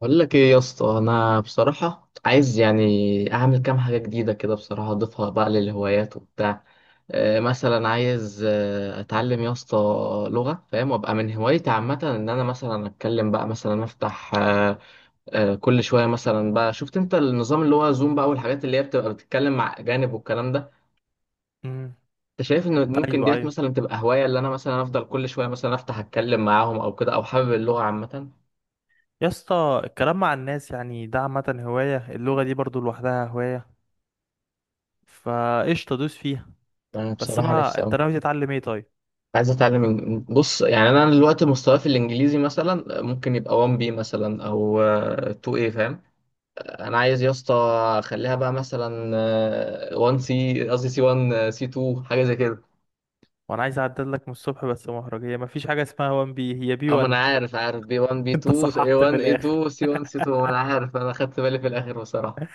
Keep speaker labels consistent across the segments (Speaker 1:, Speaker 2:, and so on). Speaker 1: بقول لك ايه يا اسطى، انا بصراحه عايز يعني اعمل كام حاجه جديده كده. بصراحه اضيفها بقى للهوايات وبتاع. مثلا عايز اتعلم يا اسطى لغه، فاهم؟ وابقى من هوايتي عامه ان انا مثلا اتكلم بقى، مثلا افتح كل شويه مثلا بقى. شفت انت النظام اللي هو زوم بقى، والحاجات اللي هي بتبقى بتتكلم مع اجانب والكلام ده.
Speaker 2: امم
Speaker 1: انت شايف ان ممكن
Speaker 2: ايوه،
Speaker 1: ديت
Speaker 2: ايوه
Speaker 1: مثلا تبقى هوايه اللي انا مثلا افضل كل شويه مثلا افتح اتكلم معاهم او كده، او حابب اللغه عامه؟
Speaker 2: يا اسطى. الكلام مع الناس يعني ده عامه هوايه، اللغه دي برضو لوحدها هوايه، فقشطه دوس فيها.
Speaker 1: انا
Speaker 2: بس
Speaker 1: بصراحه نفسي
Speaker 2: انت
Speaker 1: أوي.
Speaker 2: ناوي تتعلم ايه طيب؟
Speaker 1: عايز اتعلم بص، يعني انا دلوقتي مستواي في الانجليزي مثلا ممكن يبقى 1 بي مثلا او 2 اي، فاهم؟ انا عايز يا اسطى اخليها بقى مثلا 1 سي، قصدي سي 1 سي 2، حاجه زي كده.
Speaker 2: وانا عايز اعدل لك من الصبح، بس مهرجيه مفيش حاجه اسمها 1 بي، هي بي
Speaker 1: اما انا
Speaker 2: 1.
Speaker 1: عارف، بي 1 بي
Speaker 2: انت
Speaker 1: 2 اي
Speaker 2: صححت
Speaker 1: 1
Speaker 2: في
Speaker 1: اي
Speaker 2: الاخر.
Speaker 1: 2 سي 1 سي 2، انا عارف، انا خدت بالي في الاخر بصراحه.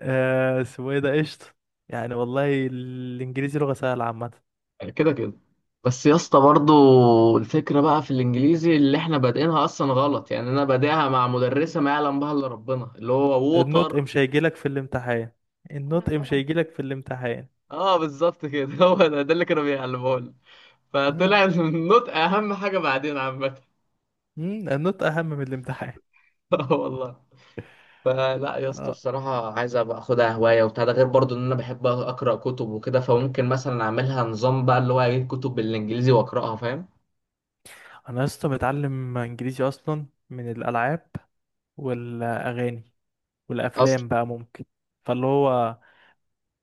Speaker 2: اسمه ايه ده، قشطه. يعني والله الانجليزي لغه سهله عامه.
Speaker 1: كده كده. بس يا اسطى برضو الفكره بقى في الانجليزي اللي احنا بادئينها اصلا غلط. يعني انا بادئها مع مدرسه ما يعلم بها الا ربنا، اللي هو
Speaker 2: النطق
Speaker 1: ووتر.
Speaker 2: مش هيجيلك في الامتحان.
Speaker 1: انا
Speaker 2: النطق مش
Speaker 1: فاهم.
Speaker 2: هيجيلك في الامتحان.
Speaker 1: اه بالظبط كده. هو ده اللي كانوا بيعلموه لنا.
Speaker 2: آه.
Speaker 1: فطلع النطق اهم حاجه بعدين عامه.
Speaker 2: النطق اهم من الامتحان.
Speaker 1: اه والله. فلا يا اسطى
Speaker 2: آه.
Speaker 1: بصراحه عايز ابقى اخدها هوايه وبتاع. ده غير برضو ان انا بحب اقرا كتب وكده، فممكن مثلا اعملها نظام بقى اللي هو اجيب كتب بالانجليزي واقراها، فاهم؟
Speaker 2: انا لسه متعلم انجليزي اصلا من الالعاب والاغاني
Speaker 1: اصلا.
Speaker 2: والافلام، بقى ممكن فاللي هو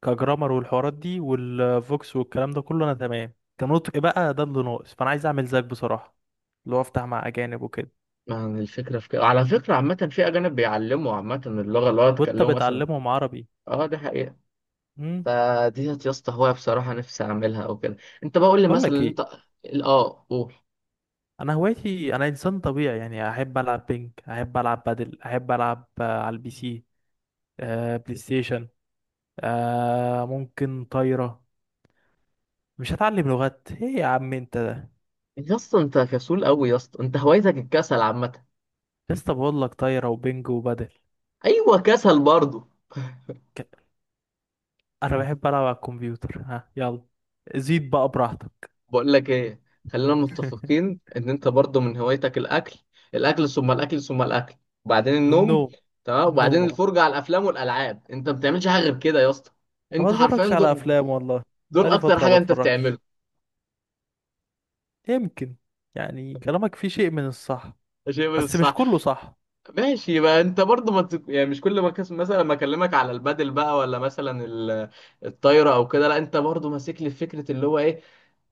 Speaker 2: كجرامر، والحوارات دي والفوكس والكلام ده كله انا تمام. كنطق بقى ده اللي ناقص، فانا عايز اعمل زيك بصراحه، اللي هو افتح مع اجانب وكده.
Speaker 1: يعني الفكره في كده على فكره عامه، في اجانب بيعلموا عامه اللغه اللي هو
Speaker 2: وانت
Speaker 1: يتكلموا مثلا.
Speaker 2: بتعلمهم عربي.
Speaker 1: اه دي حقيقه.
Speaker 2: امم.
Speaker 1: فدي يا اسطى هوايه بصراحه نفسي اعملها او كده. انت بقول لي
Speaker 2: بقول
Speaker 1: مثلا
Speaker 2: لك ايه،
Speaker 1: انت. اه قول.
Speaker 2: انا هوايتي انا انسان طبيعي يعني. احب العب بينج، احب العب بادل، احب العب على البي سي. آه، بلاي ستيشن. آه، ممكن طايره. مش هتعلم لغات ايه يا عم انت ده؟
Speaker 1: يا اسطى انت كسول قوي يا اسطى، انت هوايتك الكسل عامه.
Speaker 2: لسه بقول لك طايره وبينج وبادل.
Speaker 1: ايوه كسل برضه.
Speaker 2: انا بحب العب على الكمبيوتر، ها يلا، زيد بقى براحتك.
Speaker 1: بقول لك ايه، خلينا متفقين ان انت برضه من هوايتك الاكل. الاكل ثم الاكل ثم الاكل. وبعدين النوم.
Speaker 2: والنوم.
Speaker 1: تمام. وبعدين
Speaker 2: النوم، اه.
Speaker 1: الفرجه على الافلام والالعاب. انت ما بتعملش حاجه غير كده يا اسطى.
Speaker 2: أنا
Speaker 1: انت
Speaker 2: ما
Speaker 1: حرفيا
Speaker 2: بتفرجش على
Speaker 1: دول.
Speaker 2: افلام والله،
Speaker 1: دول
Speaker 2: بقالي
Speaker 1: اكتر
Speaker 2: فتره ما
Speaker 1: حاجه انت بتعمله.
Speaker 2: بتفرجش. يمكن، يعني كلامك فيه شيء من الصح،
Speaker 1: ده شيء من
Speaker 2: بس مش
Speaker 1: الصح.
Speaker 2: كله صح.
Speaker 1: ماشي بقى. انت برضه ما يعني مش كل ما مثلا ما اكلمك على البادل بقى، ولا مثلا الطايره او كده. لا انت برضه ماسك لي فكره اللي هو ايه.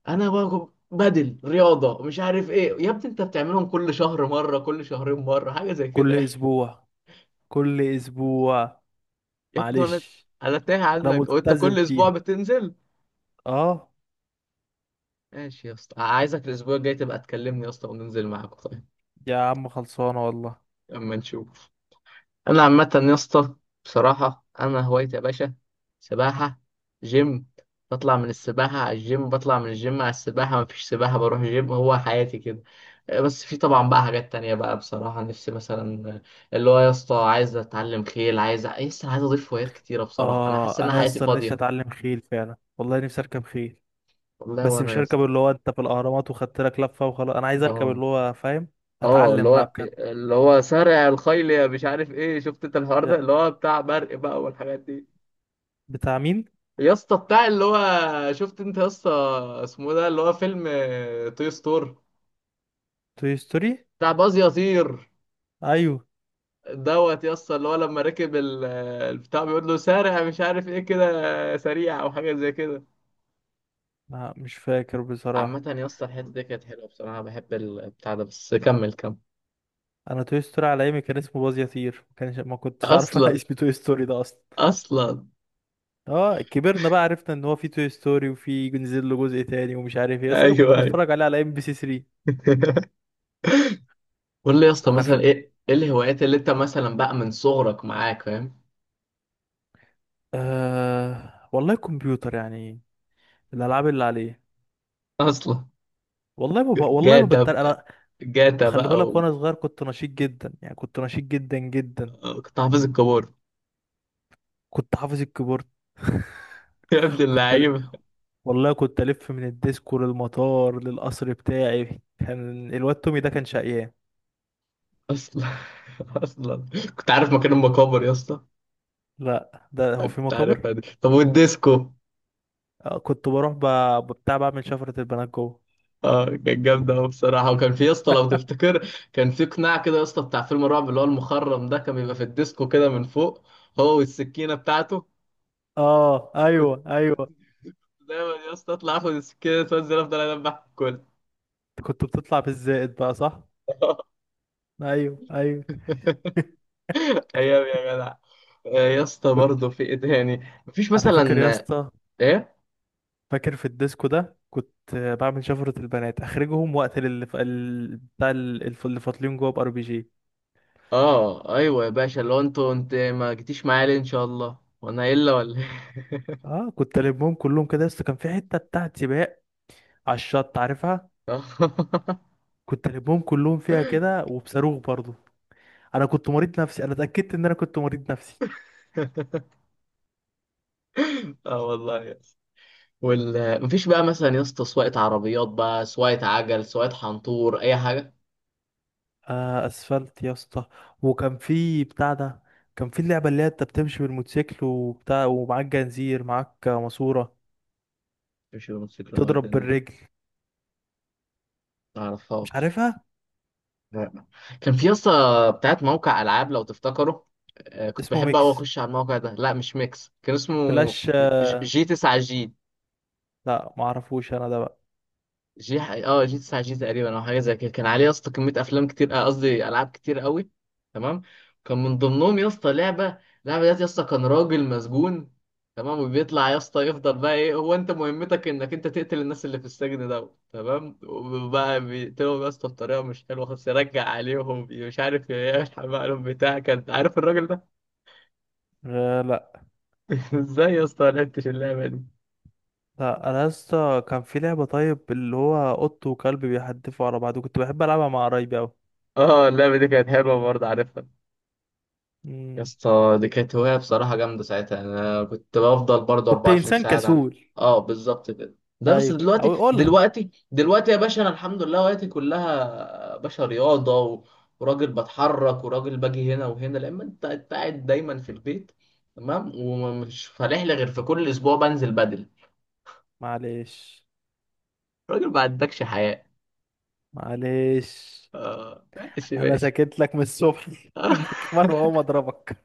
Speaker 1: انا بقى بدل رياضه مش عارف ايه، يا ابني انت بتعملهم كل شهر مره، كل شهرين مره، حاجه زي
Speaker 2: كل
Speaker 1: كده.
Speaker 2: اسبوع، كل اسبوع.
Speaker 1: يا ابني انا،
Speaker 2: معلش.
Speaker 1: انا تايه
Speaker 2: انا
Speaker 1: عنك وانت
Speaker 2: ملتزم
Speaker 1: كل اسبوع
Speaker 2: فيه،
Speaker 1: بتنزل.
Speaker 2: اه.
Speaker 1: ماشي يا اسطى، عايزك الاسبوع الجاي تبقى تكلمني يا اسطى وننزل معاك، طيب.
Speaker 2: يا عم خلصانه والله.
Speaker 1: اما نشوف. انا عامه يا اسطى بصراحه انا هوايتي يا باشا سباحه، جيم. بطلع من السباحه على الجيم، بطلع من الجيم على السباحه، مفيش سباحه بروح جيم. هو حياتي كده. بس في طبعا بقى حاجات تانية بقى بصراحه نفسي مثلا اللي هو يا اسطى عايز اتعلم خيل. عايز لسه عايز اضيف هوايات كتيره بصراحه، انا حاسس
Speaker 2: اه،
Speaker 1: ان
Speaker 2: انا
Speaker 1: أنا
Speaker 2: يا
Speaker 1: حياتي
Speaker 2: اسطى انا نفسي
Speaker 1: فاضيه.
Speaker 2: اتعلم خيل فعلا والله، نفسي اركب خيل.
Speaker 1: والله
Speaker 2: بس
Speaker 1: وانا
Speaker 2: مش
Speaker 1: يا
Speaker 2: هركب
Speaker 1: اسطى.
Speaker 2: اللي هو انت في الاهرامات وخدت لك لفه وخلاص، انا عايز اركب
Speaker 1: اه
Speaker 2: اللي هو فاهم،
Speaker 1: اه. اللي
Speaker 2: اتعلم بقى
Speaker 1: هو
Speaker 2: بجد.
Speaker 1: اللي هو سارع الخيل يا مش عارف ايه، شفت انت الحوار ده
Speaker 2: يا-
Speaker 1: اللي هو بتاع برق بقى والحاجات دي.
Speaker 2: بتاع مين؟
Speaker 1: يا اسطى بتاع اللي هو شفت انت يا اسطى اسمه ده اللي هو فيلم توي ستور
Speaker 2: توي ستوري.
Speaker 1: بتاع باز يطير
Speaker 2: ايوه.
Speaker 1: دوت. يا اسطى اللي هو لما ركب البتاع بيقول له سارع مش عارف ايه كده سريع او حاجه زي كده.
Speaker 2: ما مش فاكر بصراحه.
Speaker 1: عامه يا اسطى الحته دي كانت حلوه بصراحه، بحب البتاع ده، بس كمل كمل.
Speaker 2: انا توي ستوري على ايامي كان اسمه باز يطير، ما كنتش عارف. انا
Speaker 1: اصلا
Speaker 2: اسمي توي ستوري ده اصلا.
Speaker 1: اصلا.
Speaker 2: اه كبرنا بقى، عرفنا ان هو في توي ستوري وفي نزل له جزء تاني ومش عارف ايه، بس انا كنت
Speaker 1: ايوه ايوه.
Speaker 2: بتفرج عليه على ام بي سي 3.
Speaker 1: قول لي يا اسطى
Speaker 2: انا
Speaker 1: مثلا
Speaker 2: في
Speaker 1: ايه ايه الهوايات اللي انت مثلا بقى من صغرك معاك، فاهم؟
Speaker 2: والله كمبيوتر يعني، الالعاب اللي عليه.
Speaker 1: اصلا.
Speaker 2: والله ما
Speaker 1: جاتا.
Speaker 2: بتريق انا.
Speaker 1: جاتا
Speaker 2: خلي
Speaker 1: بقى
Speaker 2: بالك
Speaker 1: و-.
Speaker 2: وانا صغير كنت نشيط جدا، يعني كنت نشيط جدا جدا.
Speaker 1: وكنت حافظ الكبار.
Speaker 2: كنت حافظ الكيبورد.
Speaker 1: يا ابن
Speaker 2: كنت ل...
Speaker 1: اللعيبة.
Speaker 2: والله كنت الف من الديسكو للمطار للقصر بتاعي، كان الواد تومي ده كان شقيان.
Speaker 1: اصلا اصلا. كنت عارف مكان المقابر يا اسطى.
Speaker 2: لا، ده هو في
Speaker 1: كنت
Speaker 2: مقابر.
Speaker 1: عارفها دي. طب والديسكو؟
Speaker 2: آه، كنت بروح ب... بتاع، بعمل شفرة البنات جوه.
Speaker 1: اه كانت جامدة أوي بصراحة. وكان في يا اسطى، لو تفتكر، كان في قناع كده يا اسطى بتاع فيلم الرعب اللي هو المخرم ده، كان بيبقى في الديسكو كده من فوق، هو والسكينة بتاعته.
Speaker 2: اه،
Speaker 1: كنت
Speaker 2: ايوه،
Speaker 1: كنت
Speaker 2: ايوه
Speaker 1: دايما يا اسطى اطلع اخد السكينة اتوزن افضل اذبح الكل.
Speaker 2: كنت بتطلع بالزائد بقى صح؟ ايوه، ايوه.
Speaker 1: ايام يا جدع. يا اسطى
Speaker 2: كنت
Speaker 1: برضه في ايه تاني؟ مفيش
Speaker 2: انا
Speaker 1: مثلا؟
Speaker 2: فاكر يا اسطى،
Speaker 1: ايه.
Speaker 2: فاكر في الديسكو ده كنت بعمل شفرة البنات اخرجهم واقتل اللي ف... ال- بتاع ال- الف- اللي فاطلين جوه بار بي جي.
Speaker 1: اه ايوه يا باشا، لو انت ما جيتيش معايا ليه ان شاء الله، وانا الا ولا إيه؟
Speaker 2: اه، كنت البهم كلهم كده، بس كان في حته بتاعت سباق على الشط عارفها، كنت البهم كلهم فيها كده وبصاروخ برضو. انا كنت مريض نفسي، انا اتاكدت ان انا كنت مريض نفسي.
Speaker 1: اه والله يا اسطى. وال مفيش بقى مثلا يا اسطى سواقة عربيات بقى، سواقة عجل، سواقة حنطور، اي حاجة؟
Speaker 2: آه، اسفلت يا اسطى. وكان في بتاع ده، كان في اللعبه اللي هي انت بتمشي بالموتوسيكل وبتاع، ومعاك جنزير معاك ماسوره
Speaker 1: مفيش الموتوسيكل المعجل
Speaker 2: تضرب
Speaker 1: دي،
Speaker 2: بالرجل.
Speaker 1: ما
Speaker 2: مش
Speaker 1: اعرفهاش.
Speaker 2: عارفها.
Speaker 1: لا. كان في يا اسطى بتاعت موقع العاب لو تفتكروا. كنت
Speaker 2: اسمه
Speaker 1: بحب قوي
Speaker 2: ميكس
Speaker 1: اخش على الموقع ده. لا مش ميكس كان اسمه.
Speaker 2: فلاش، آه.
Speaker 1: جي 9 جي.
Speaker 2: لا، معرفوش انا ده بقى،
Speaker 1: جي اه جي 9 جي تقريبا او حاجه زي كده. كان عليه يا اسطى كميه افلام كتير، قصدي العاب كتير قوي. تمام. كان من ضمنهم يا اسطى لعبه. اللعبه ديت يا اسطى كان راجل مسجون، تمام. وبيطلع يا اسطى يفضل بقى ايه، هو انت مهمتك انك انت تقتل الناس اللي في السجن ده، تمام. وبقى بيقتلهم يا اسطى بطريقه مش حلوه خالص. يرجع عليهم مش عارف إيه، يلحق بقى لهم بتاع. كان عارف الراجل ده؟
Speaker 2: آه. لا
Speaker 1: ازاي يا اسطى ما لعبتش اللعبه دي؟
Speaker 2: لا، انا يا اسطى كان في لعبه طيب، اللي هو قط وكلب بيحدفوا على بعض، كنت بحب العبها مع قرايبي قوي.
Speaker 1: اه اللعبه دي كانت حلوه برضه، عارفها. يا اسطى دي كانت هواية بصراحة جامدة ساعتها، يعني أنا كنت بفضل برضه
Speaker 2: كنت انسان
Speaker 1: 24 ساعة ده.
Speaker 2: كسول.
Speaker 1: اه بالظبط كده. ده بس
Speaker 2: ايوه،
Speaker 1: دلوقتي
Speaker 2: او قولها.
Speaker 1: دلوقتي دلوقتي يا باشا أنا الحمد لله وقتي كلها باشا رياضة و... وراجل بتحرك وراجل باجي هنا وهنا، لأما أنت قاعد دايما في البيت، تمام. ومش فالح لي غير في كل أسبوع بنزل بدل.
Speaker 2: معلش،
Speaker 1: راجل ما عندكش حياة.
Speaker 2: معلش.
Speaker 1: اه ماشي
Speaker 2: انا
Speaker 1: ماشي.
Speaker 2: سكت لك من الصبح. المكان وهو اضربك.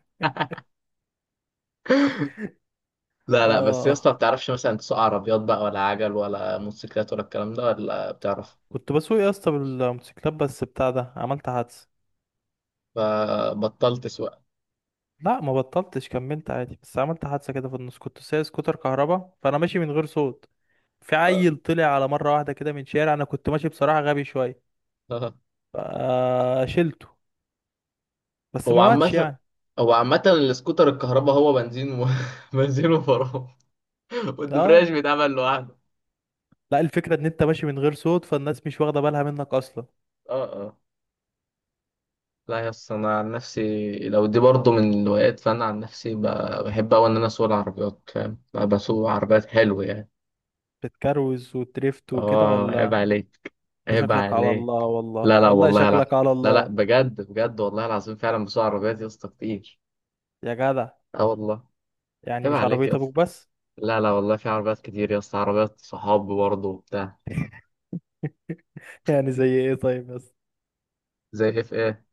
Speaker 1: لا لا بس يا اسطى ما
Speaker 2: اه،
Speaker 1: بتعرفش مثلا تسوق عربيات بقى، ولا عجل، ولا موتوسيكلات ولا الكلام ده، ولا بتعرف.
Speaker 2: كنت بسوق يا اسطى بالموتوسيكلات، بس بتاع ده عملت حادثه.
Speaker 1: فبطلت سواقة.
Speaker 2: لا، ما بطلتش، كملت عادي، بس عملت حادثه كده في النص. كنت سايق سكوتر كهربا، فانا ماشي من غير صوت، في عيل طلع على مره واحده كده من شارع، انا كنت ماشي بصراحه غبي شويه. شلته بس
Speaker 1: هو
Speaker 2: ما ماتش
Speaker 1: عامة،
Speaker 2: يعني.
Speaker 1: السكوتر الكهرباء هو بنزين و... بنزين وفرامل.
Speaker 2: اه،
Speaker 1: والدبرياج بيتعمل لوحده.
Speaker 2: لا، الفكرة ان انت ماشي من غير صوت، فالناس مش واخدة بالها منك اصلا.
Speaker 1: اه اه. لا يا اسطى انا عن نفسي لو دي برضه من الهوايات، فانا عن نفسي بحب اوي ان انا اسوق العربيات، فاهم؟ بسوق عربيات حلو يعني.
Speaker 2: بتكروز وتريفت وكده
Speaker 1: اه عيب
Speaker 2: ولا؟
Speaker 1: عليك.
Speaker 2: انت
Speaker 1: عيب
Speaker 2: شكلك على الله،
Speaker 1: عليك. لا
Speaker 2: والله
Speaker 1: لا
Speaker 2: والله
Speaker 1: والله لا.
Speaker 2: شكلك على
Speaker 1: لا لا
Speaker 2: الله.
Speaker 1: بجد بجد والله العظيم فعلا بسوق عربيات يا اسطى كتير.
Speaker 2: يا جدع.
Speaker 1: اه والله.
Speaker 2: يعني
Speaker 1: عيب
Speaker 2: مش
Speaker 1: عليك
Speaker 2: عربية
Speaker 1: يا.
Speaker 2: ابوك بس.
Speaker 1: لا لا والله، في عربيات كتير يا اسطى، عربيات صحاب برضه وبتاع.
Speaker 2: يعني زي ايه طيب بس؟
Speaker 1: زي اف ايه.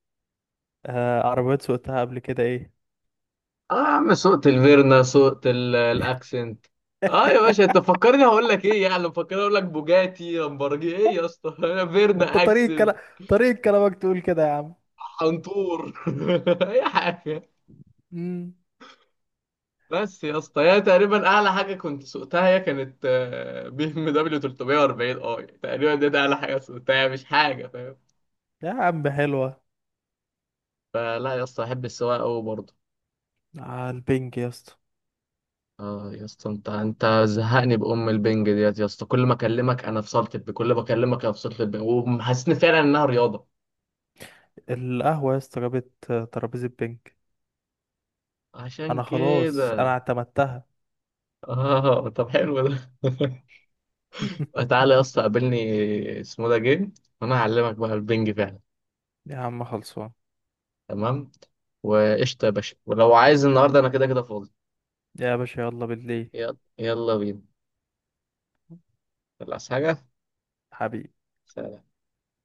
Speaker 2: آه، عربيات سوقتها قبل كده ايه.
Speaker 1: اه يا عم سوقت الفيرنا، سوقت الاكسنت. اه يا باشا انت فكرني هقول لك ايه، يعني مفكرني اقول لك بوجاتي لامبرجي، ايه يا اسطى؟
Speaker 2: ما انت
Speaker 1: فيرنا
Speaker 2: طريقة
Speaker 1: اكسنت.
Speaker 2: كلام، طريقة كلامك تقول كده يا عم.
Speaker 1: حنطور. اي حاجه.
Speaker 2: مم.
Speaker 1: بس يا اسطى هي تقريبا اعلى حاجه كنت سوقتها، هي كانت بي ام دبليو 340 اي تقريبا. دي ده اعلى حاجه سوقتها، مش حاجه، فاهم؟
Speaker 2: يا عم حلوة.
Speaker 1: فلا يا اسطى احب السواقه قوي برضه.
Speaker 2: على البنج يا اسطى.
Speaker 1: اه يا اسطى انت زهقني بام البنج ديت يا اسطى، كل ما اكلمك انا في كل ما اكلمك انا في صاله البنج وحاسسني فعلا انها رياضه.
Speaker 2: القهوة يا اسطى جابت ترابيزة بنج،
Speaker 1: عشان
Speaker 2: انا خلاص انا
Speaker 1: كده.
Speaker 2: اعتمدتها.
Speaker 1: اه طب حلو ده. تعالى يا اسطى قابلني. اسمه ده جيم. وانا هعلمك بقى البنج فعلا.
Speaker 2: يا عم خلصان.
Speaker 1: تمام. وقشطه يا باشا، ولو عايز النهارده انا كده كده فاضي.
Speaker 2: يا باشا، يلا بالليل.
Speaker 1: يلا يلا بينا. خلاص حاجه.
Speaker 2: حبيبي.
Speaker 1: سلام.